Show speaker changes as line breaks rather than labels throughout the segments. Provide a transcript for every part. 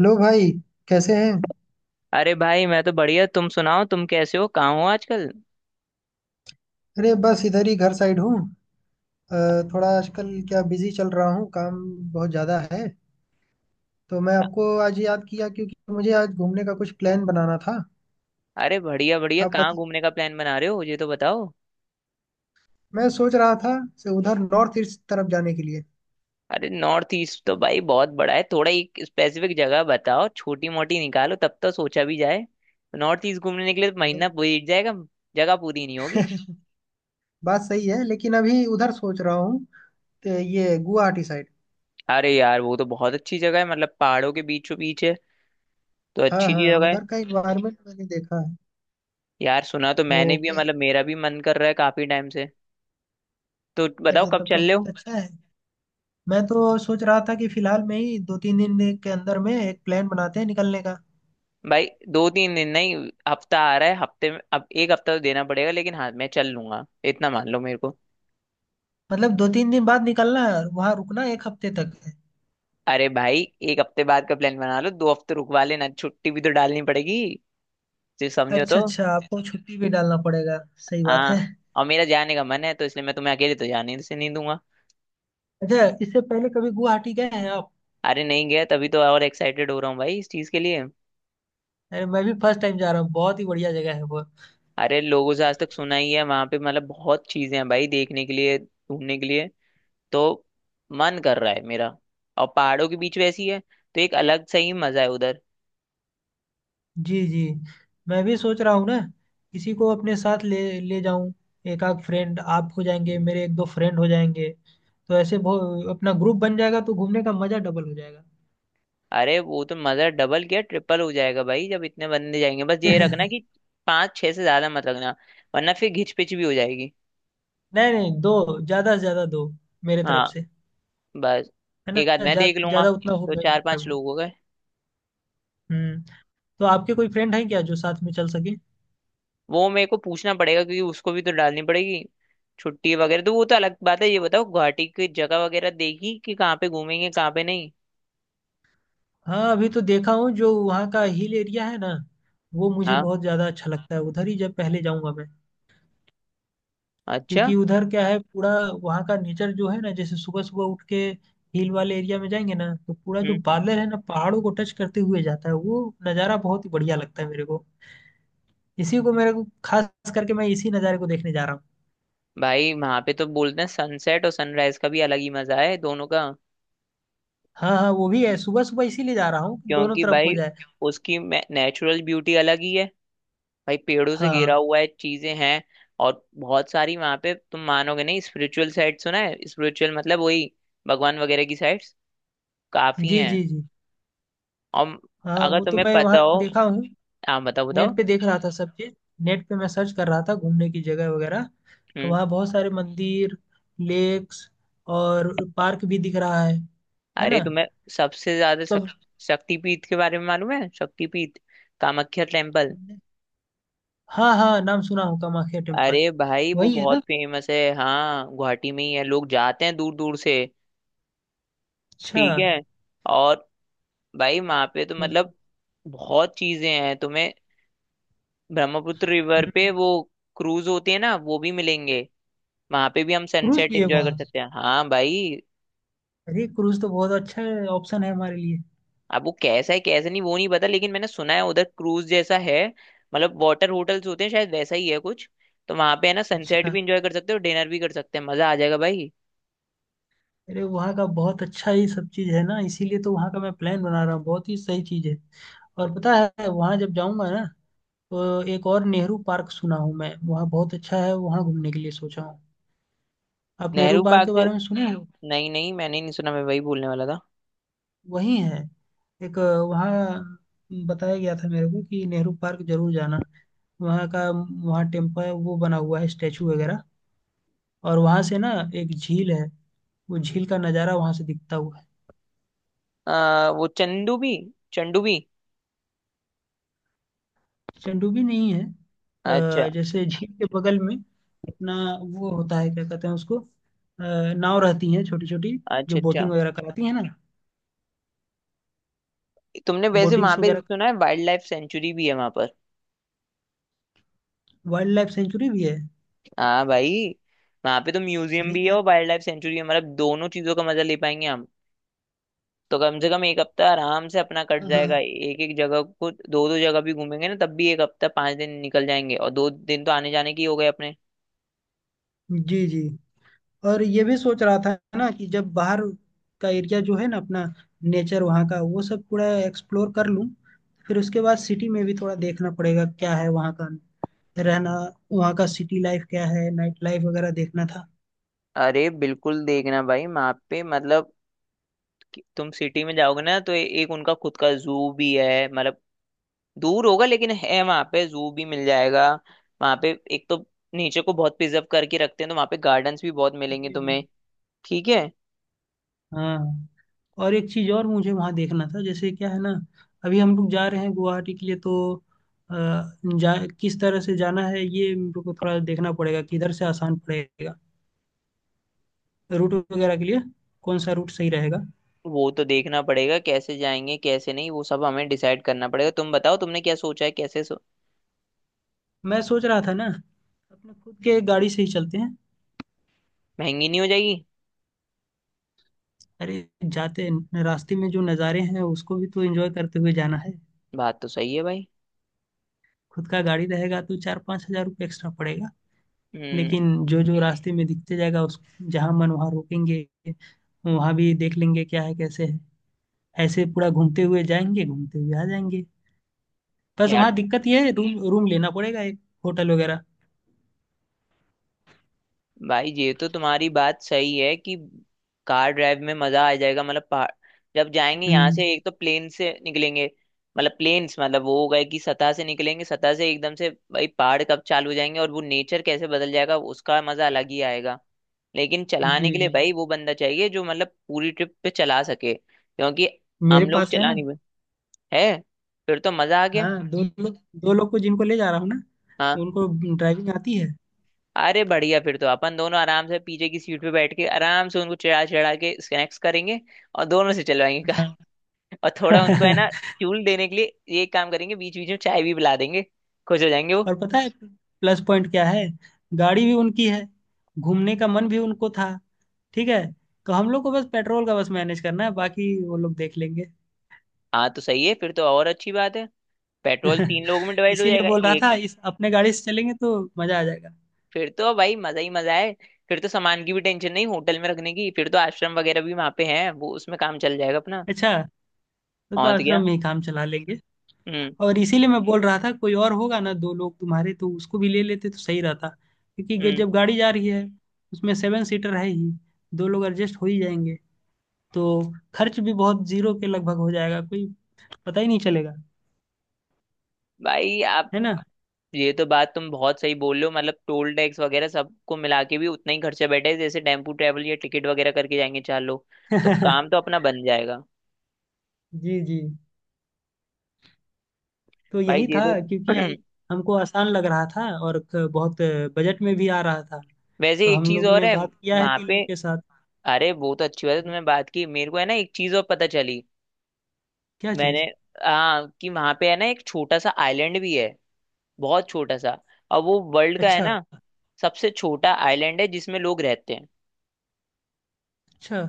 Hello भाई। कैसे हैं?
अरे भाई मैं तो बढ़िया। तुम सुनाओ, तुम कैसे हो? कहाँ हो आजकल?
अरे बस इधर ही घर साइड हूँ। अ, थोड़ा आजकल क्या बिजी चल रहा हूँ, काम बहुत ज़्यादा है। तो मैं आपको आज याद किया क्योंकि मुझे आज घूमने का कुछ प्लान बनाना था।
अरे बढ़िया बढ़िया,
आप
कहाँ
बता।
घूमने का प्लान बना रहे हो, ये तो बताओ।
मैं सोच रहा था से उधर नॉर्थ ईस्ट तरफ जाने के लिए।
अरे नॉर्थ ईस्ट तो भाई बहुत बड़ा है, थोड़ा एक स्पेसिफिक जगह बताओ, छोटी मोटी निकालो, तब तो सोचा भी जाए। नॉर्थ ईस्ट घूमने के लिए तो महीना बीत जाएगा, जगह पूरी नहीं होगी।
बात सही है, लेकिन अभी उधर सोच रहा हूँ, तो ये गुवाहाटी साइड।
अरे यार वो तो बहुत अच्छी जगह है, मतलब पहाड़ों के बीचों बीच है, तो
हाँ
अच्छी
हाँ,
सी जगह है।
उधर का इन्वायरमेंट मैंने देखा है।
यार सुना तो
वो
मैंने भी है,
क्या?
मतलब मेरा भी मन कर रहा है काफी टाइम से। तो बताओ
अरे
कब
तब तो
चल रहे
बहुत
हो?
अच्छा है। मैं तो सोच रहा था कि फिलहाल में ही 2-3 दिन के अंदर में एक प्लान बनाते हैं निकलने का।
भाई 2-3 दिन नहीं, हफ्ता आ रहा है, हफ्ते में अब 1 हफ्ता तो देना पड़ेगा, लेकिन हाँ मैं चल लूंगा, इतना मान लो मेरे को।
मतलब 2-3 दिन बाद निकलना है और वहां रुकना एक हफ्ते तक है।
अरे भाई 1 हफ्ते बाद का प्लान बना लो, 2 हफ्ते रुकवा लेना, छुट्टी भी तो डालनी पड़ेगी जो, समझो
अच्छा
तो।
अच्छा, आपको छुट्टी भी डालना पड़ेगा। सही बात
हाँ।
है।
और मेरा जाने का मन है, तो इसलिए मैं तुम्हें अकेले तो जाने से नहीं दूंगा।
अच्छा, इससे पहले कभी गुवाहाटी गए हैं आप?
अरे नहीं गया तभी तो और एक्साइटेड हो रहा हूँ भाई इस चीज के लिए।
अरे मैं भी फर्स्ट टाइम जा रहा हूँ, बहुत ही बढ़िया जगह है वो।
अरे लोगों से आज तक सुना ही है वहां पे, मतलब बहुत चीजें हैं भाई देखने के लिए, घूमने के लिए, तो मन कर रहा है मेरा। और पहाड़ों के बीच वैसी है, तो एक अलग सही मजा है उधर।
जी जी। मैं भी सोच रहा हूँ ना, किसी को अपने साथ ले ले जाऊं। एक आध फ्रेंड आप हो जाएंगे, मेरे एक दो फ्रेंड हो जाएंगे। तो ऐसे अपना ग्रुप बन जाएगा, तो घूमने का मजा डबल हो जाएगा।
अरे वो तो मजा डबल क्या ट्रिपल हो जाएगा भाई, जब इतने बंदे जाएंगे। बस ये रखना कि पाँच छह से ज्यादा मत रखना, वरना फिर घिच पिच भी हो जाएगी।
नहीं नहीं, दो। ज्यादा से ज्यादा दो मेरे तरफ
हाँ,
से।
बस।
है ना,
एक आध मैं देख लूंगा,
ज्यादा उतना
तो
होगा,
चार
होगा भी
पांच
नहीं।
लोग हो गए।
हम्म। तो आपके कोई फ्रेंड हैं क्या जो साथ में चल सके?
वो मेरे को पूछना पड़ेगा, क्योंकि उसको भी तो डालनी पड़ेगी छुट्टी वगैरह, तो वो तो अलग बात है। ये बताओ गुवाहाटी की जगह वगैरह देखी कि कहाँ पे घूमेंगे कहाँ पे नहीं?
हाँ अभी तो देखा हूँ जो वहाँ का हिल एरिया है ना। वो मुझे
हाँ।
बहुत ज़्यादा अच्छा लगता है, उधर ही जब पहले जाऊँगा मैं।
अच्छा।
क्योंकि उधर क्या है पूरा। वहाँ का नेचर जो है ना, जैसे सुबह सुबह उठ के हिल वाले एरिया में जाएंगे ना, तो पूरा जो
हम्म।
बादल है ना पहाड़ों को टच करते हुए जाता है, वो नज़ारा बहुत ही बढ़िया लगता है मेरे को। इसी को मेरे को खास करके मैं इसी नज़ारे को देखने जा रहा हूँ।
भाई वहां पे तो बोलते हैं सनसेट और सनराइज का भी अलग ही मजा है, दोनों का।
हाँ हाँ, वो भी है। सुबह सुबह इसीलिए जा रहा हूँ कि दोनों
क्योंकि
तरफ हो
भाई
जाए।
उसकी नेचुरल ब्यूटी अलग ही है, भाई पेड़ों से घिरा
हाँ।
हुआ है, चीजें हैं और बहुत सारी वहां पे। तुम मानोगे नहीं, स्पिरिचुअल साइट सुना है, स्पिरिचुअल मतलब वही, भगवान वगैरह की साइट्स काफी
जी
हैं।
जी जी।
और
हाँ
अगर
वो तो
तुम्हें
मैं
पता
वहाँ
हो।
देखा हूँ।
हाँ बताओ बताओ।
नेट पे देख रहा था सब चीज। नेट पे मैं सर्च कर रहा था घूमने की जगह वगैरह। तो
हम्म।
वहाँ बहुत सारे मंदिर, लेक्स और पार्क भी दिख रहा है। है ना?
अरे तुम्हें सबसे ज्यादा
तब।
शक्तिपीठ के बारे में मालूम है? शक्तिपीठ, कामाख्या टेम्पल।
हाँ हाँ, नाम सुना हूँ कामाख्या टेम्पल।
अरे भाई वो
वही है
बहुत
ना?
फेमस है, हाँ, गुवाहाटी में ही है, लोग जाते हैं दूर दूर से।
अच्छा।
ठीक है। और भाई वहां पे तो
हम्म,
मतलब बहुत चीजें हैं तुम्हें। ब्रह्मपुत्र रिवर पे वो क्रूज होती है ना, वो भी मिलेंगे, वहां पे भी हम
क्रूज
सनसेट
भी है
एंजॉय कर
वहाँ?
सकते हैं, हाँ भाई।
अरे क्रूज तो बहुत अच्छा ऑप्शन है हमारे लिए।
अब वो कैसा है कैसा नहीं वो नहीं पता, लेकिन मैंने सुना है उधर क्रूज जैसा है, मतलब वाटर होटल्स होते हैं, शायद वैसा ही है कुछ। तो वहां पे है ना सनसेट
अच्छा।
भी एंजॉय कर सकते हो, डिनर भी कर सकते हैं, मजा आ जाएगा भाई।
अरे वहाँ का बहुत अच्छा ही सब चीज़ है ना, इसीलिए तो वहाँ का मैं प्लान बना रहा हूँ, बहुत ही सही चीज़ है। और पता है, वहाँ जब जाऊँगा ना, तो एक और नेहरू पार्क सुना हूँ मैं, वहाँ बहुत अच्छा है, वहाँ घूमने के लिए सोचा हूँ। आप नेहरू
नेहरू
पार्क के
पार्क से,
बारे में सुने हो?
नहीं नहीं मैंने नहीं सुना, मैं वही बोलने वाला था।
वही है। एक अ, वहाँ बताया गया था मेरे को कि नेहरू पार्क जरूर जाना। वहाँ का, वहाँ टेम्पल वो बना हुआ है, स्टेचू वगैरह। और वहाँ से ना एक झील है। वो झील का नज़ारा वहाँ से दिखता हुआ है।
वो चंदू भी।
चंडूबी नहीं है,
अच्छा
जैसे झील के बगल में अपना वो होता है, क्या कहते हैं उसको, नाव रहती हैं छोटी छोटी।
अच्छा।
जो
अच्छा,
बोटिंग वगैरह कराती है ना?
तुमने वैसे वहां
बोटिंग्स
पे
वगैरह।
सुना है वाइल्ड लाइफ सेंचुरी भी है वहां पर?
वाइल्ड लाइफ सेंचुरी भी है?
हाँ भाई, वहां पे तो म्यूजियम
अरे
भी है
यार।
और वाइल्ड लाइफ सेंचुरी है, मतलब दोनों चीजों का मजा ले पाएंगे हम। तो कम से कम 1 हफ्ता आराम से अपना कट
हाँ
जाएगा,
हाँ।
एक एक जगह को दो दो जगह भी घूमेंगे ना तब भी, 1 हफ्ता 5 दिन निकल जाएंगे और 2 दिन तो आने जाने के ही हो गए अपने।
जी जी। और ये भी सोच रहा था ना कि जब बाहर का एरिया जो है ना अपना नेचर वहाँ का, वो सब पूरा एक्सप्लोर कर लूँ। फिर उसके बाद सिटी में भी थोड़ा देखना पड़ेगा क्या है वहाँ का रहना, वहाँ का सिटी लाइफ क्या है, नाइट लाइफ वगैरह देखना था।
अरे बिल्कुल देखना भाई, वहां पे मतलब कि तुम सिटी में जाओगे ना तो एक उनका खुद का जू भी है, मतलब दूर होगा लेकिन है, वहां पे जू भी मिल जाएगा। वहां पे एक तो नेचर को बहुत प्रिजर्व करके रखते हैं, तो वहां पे गार्डन्स भी बहुत मिलेंगे
जी जी।
तुम्हें। ठीक है।
हाँ। और एक चीज़ और मुझे वहाँ देखना था, जैसे क्या है ना, अभी हम लोग जा रहे हैं गुवाहाटी के लिए, तो अ, जा किस तरह से जाना है, ये मेरे को थोड़ा देखना पड़ेगा, किधर से आसान पड़ेगा। रूट वगैरह के लिए, कौन सा रूट सही रहेगा?
वो तो देखना पड़ेगा कैसे जाएंगे कैसे नहीं, वो सब हमें डिसाइड करना पड़ेगा। तुम बताओ तुमने क्या सोचा है कैसे?
मैं सोच रहा था ना, अपने खुद के गाड़ी से ही चलते हैं।
महंगी नहीं हो जाएगी?
अरे जाते रास्ते में जो नज़ारे हैं उसको भी तो एंजॉय करते हुए जाना है।
बात तो सही है भाई।
खुद का गाड़ी रहेगा तो 4-5 हजार रुपये एक्स्ट्रा पड़ेगा।
हम्म।
लेकिन जो जो रास्ते में दिखते जाएगा उस जहाँ मन वहाँ रोकेंगे, वहाँ भी देख लेंगे क्या है कैसे है, ऐसे पूरा घूमते हुए जाएंगे, घूमते हुए आ जाएंगे। बस
यार
वहाँ दिक्कत ये है रूम रूम लेना पड़ेगा एक, होटल वगैरह।
भाई ये तो तुम्हारी बात सही है कि कार ड्राइव में मजा आ जाएगा, मतलब पहाड़। जब जाएंगे यहाँ से
हम्म,
एक तो प्लेन से निकलेंगे, मतलब प्लेन्स, मतलब वो हो गए कि सतह से निकलेंगे, सतह से एकदम से भाई पहाड़ कब चालू हो जाएंगे और वो नेचर कैसे बदल जाएगा उसका मजा अलग ही आएगा। लेकिन
जी
चलाने के लिए
जी।
भाई वो बंदा चाहिए जो, मतलब पूरी ट्रिप पे चला सके, क्योंकि
मेरे
हम लोग
पास है
चला
ना?
नहीं है। फिर तो मजा आ गया।
हाँ, दो लोग, दो लोग को जिनको ले जा रहा हूँ ना,
हाँ,
तो उनको ड्राइविंग आती है।
अरे बढ़िया, फिर तो अपन दोनों आराम से पीछे की सीट पे बैठ के आराम से उनको चढ़ा चढ़ा के स्नैक्स करेंगे, और दोनों से चलवाएंगे कार।
हाँ।
और थोड़ा उनको है ना, फ्यूल देने के लिए ये काम करेंगे, बीच बीच में चाय भी पिला देंगे, खुश हो जाएंगे वो।
और पता है प्लस पॉइंट क्या है? गाड़ी भी उनकी है, घूमने का मन भी उनको था। ठीक है, तो हम लोग को बस पेट्रोल का बस मैनेज करना है, बाकी वो लोग देख लेंगे।
हाँ तो सही है, फिर तो और अच्छी बात है, पेट्रोल तीन लोगों में डिवाइड हो
इसीलिए
जाएगा।
बोल रहा था
एक,
इस अपने गाड़ी से चलेंगे तो मजा आ जाएगा।
फिर तो भाई मजा ही मजा है। फिर तो सामान की भी टेंशन नहीं होटल में रखने की, फिर तो आश्रम वगैरह भी वहां पे है, वो उसमें काम चल जाएगा अपना।
अच्छा। तो
और तो क्या।
आश्रम में ही काम चला लेंगे।
हम्म।
और इसीलिए मैं बोल रहा था कोई और होगा ना दो लोग तुम्हारे, तो उसको भी ले लेते तो सही रहता, क्योंकि
हम्म।
जब गाड़ी जा रही है, उसमें 7 सीटर है ही, दो लोग एडजस्ट हो ही जाएंगे, तो खर्च भी बहुत जीरो के लगभग हो जाएगा, कोई पता ही नहीं चलेगा।
भाई आप
है ना?
ये तो बात तुम बहुत सही बोल रहे हो, मतलब टोल टैक्स वगैरह सबको मिला के भी उतना ही खर्चा बैठे जैसे टेम्पू ट्रैवल या टिकट वगैरह करके जाएंगे चार लोग, तो काम तो अपना बन जाएगा।
जी जी। तो
भाई
यही
ये
था,
तो
क्योंकि हमको आसान लग रहा था और बहुत बजट में भी आ रहा था।
वैसे
तो
एक
हम
चीज
लोग
और
ने
है
बात किया है
वहां
तीन
पे।
लोग के साथ।
अरे वो तो अच्छी बात है तुमने बात की। मेरे को है ना एक चीज और पता चली
क्या
मैंने।
चीज?
हाँ, कि वहां पे है ना एक छोटा सा आइलैंड भी है, बहुत छोटा सा, और वो वर्ल्ड का है
अच्छा
ना सबसे छोटा आइलैंड है जिसमें लोग रहते हैं।
अच्छा।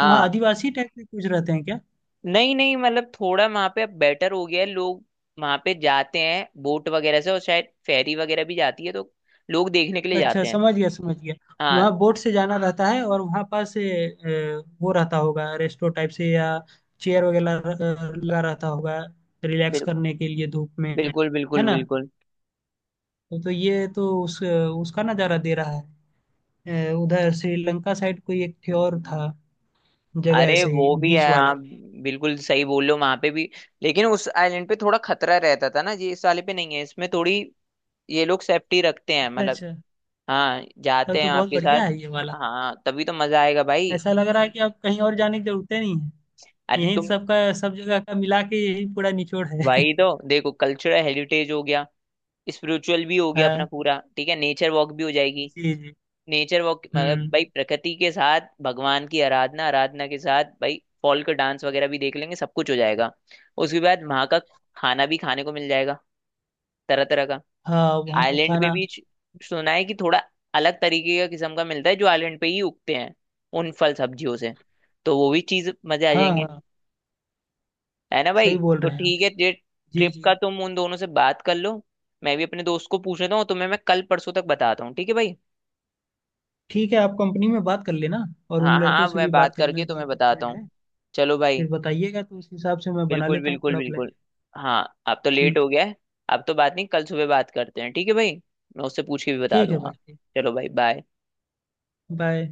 तो वहाँ आदिवासी टाइप के कुछ रहते हैं?
नहीं नहीं, मतलब थोड़ा वहां पे अब बेटर हो गया है, लोग वहां पे जाते हैं बोट वगैरह से, और शायद फेरी वगैरह भी जाती है, तो लोग देखने के लिए
अच्छा
जाते हैं।
समझ गया समझ गया।
हाँ।
वहाँ बोट से जाना रहता है, और वहाँ पास ए, वो रहता होगा रेस्टो टाइप से, या चेयर वगैरह लगा रहता होगा रिलैक्स
बिल,
करने के लिए धूप में।
बिल्कुल
है
बिल्कुल
ना?
बिल्कुल।
तो ये तो उस उसका नज़ारा दे रहा है। उधर श्रीलंका साइड कोई एक थी और था जगह,
अरे
ऐसे
वो
ही
भी
बीच
है
वाला।
हाँ, बिल्कुल सही बोल रहे हो, वहां पे भी। लेकिन उस आइलैंड पे थोड़ा खतरा रहता था ना, ये इस वाले पे नहीं है, इसमें थोड़ी ये लोग सेफ्टी रखते हैं,
अच्छा
मतलब।
अच्छा।
हाँ
तब
जाते हैं
तो बहुत
आपके साथ।
बढ़िया है ये वाला।
हाँ तभी तो मजा आएगा भाई।
ऐसा लग रहा है कि अब कहीं और जाने की जरूरत ही नहीं है,
अरे
यहीं
तुम।
सबका सब जगह का मिला के यही पूरा निचोड़ है।
भाई तो देखो कल्चरल हेरिटेज हो गया, स्पिरिचुअल भी हो गया अपना
हाँ।
पूरा, ठीक है, नेचर वॉक भी हो जाएगी।
जी जी।
नेचर वॉक मतलब
हम्म।
भाई प्रकृति के साथ भगवान की आराधना, आराधना के साथ भाई फॉल्क डांस वगैरह भी देख लेंगे, सब कुछ हो जाएगा। उसके बाद वहां का खाना भी खाने को मिल जाएगा तरह तरह का।
हाँ वहाँ का
आइलैंड पे
खाना।
भी सुना है कि थोड़ा अलग तरीके का किस्म का मिलता है, जो आइलैंड पे ही उगते हैं उन फल सब्जियों से, तो वो भी चीज मजे आ
हाँ
जाएंगे,
हाँ
है ना भाई?
सही बोल
तो
रहे हैं आप।
ठीक है ये
जी
ट्रिप
जी।
का तुम उन दोनों से बात कर लो, मैं भी अपने दोस्त को पूछ लेता हूँ, तुम्हें मैं कल परसों तक बताता हूँ, ठीक है भाई?
ठीक है, आप कंपनी में बात कर लेना, और उन
हाँ हाँ
लड़कों
हाँ,
से भी
मैं बात
बात कर लेना
करके
जो
तुम्हें
आपके
बताता
फ्रेंड
हूँ।
हैं।
चलो भाई।
फिर बताइएगा, तो उस हिसाब से मैं बना
बिल्कुल
लेता हूँ
बिल्कुल
पूरा प्लान।
बिल्कुल। हाँ अब तो लेट
ठीक।
हो गया है, अब तो बात नहीं, कल सुबह बात करते हैं, ठीक है भाई? मैं उससे पूछ के भी बता
ठीक है
दूंगा।
भाई।
चलो भाई, बाय।
बाय।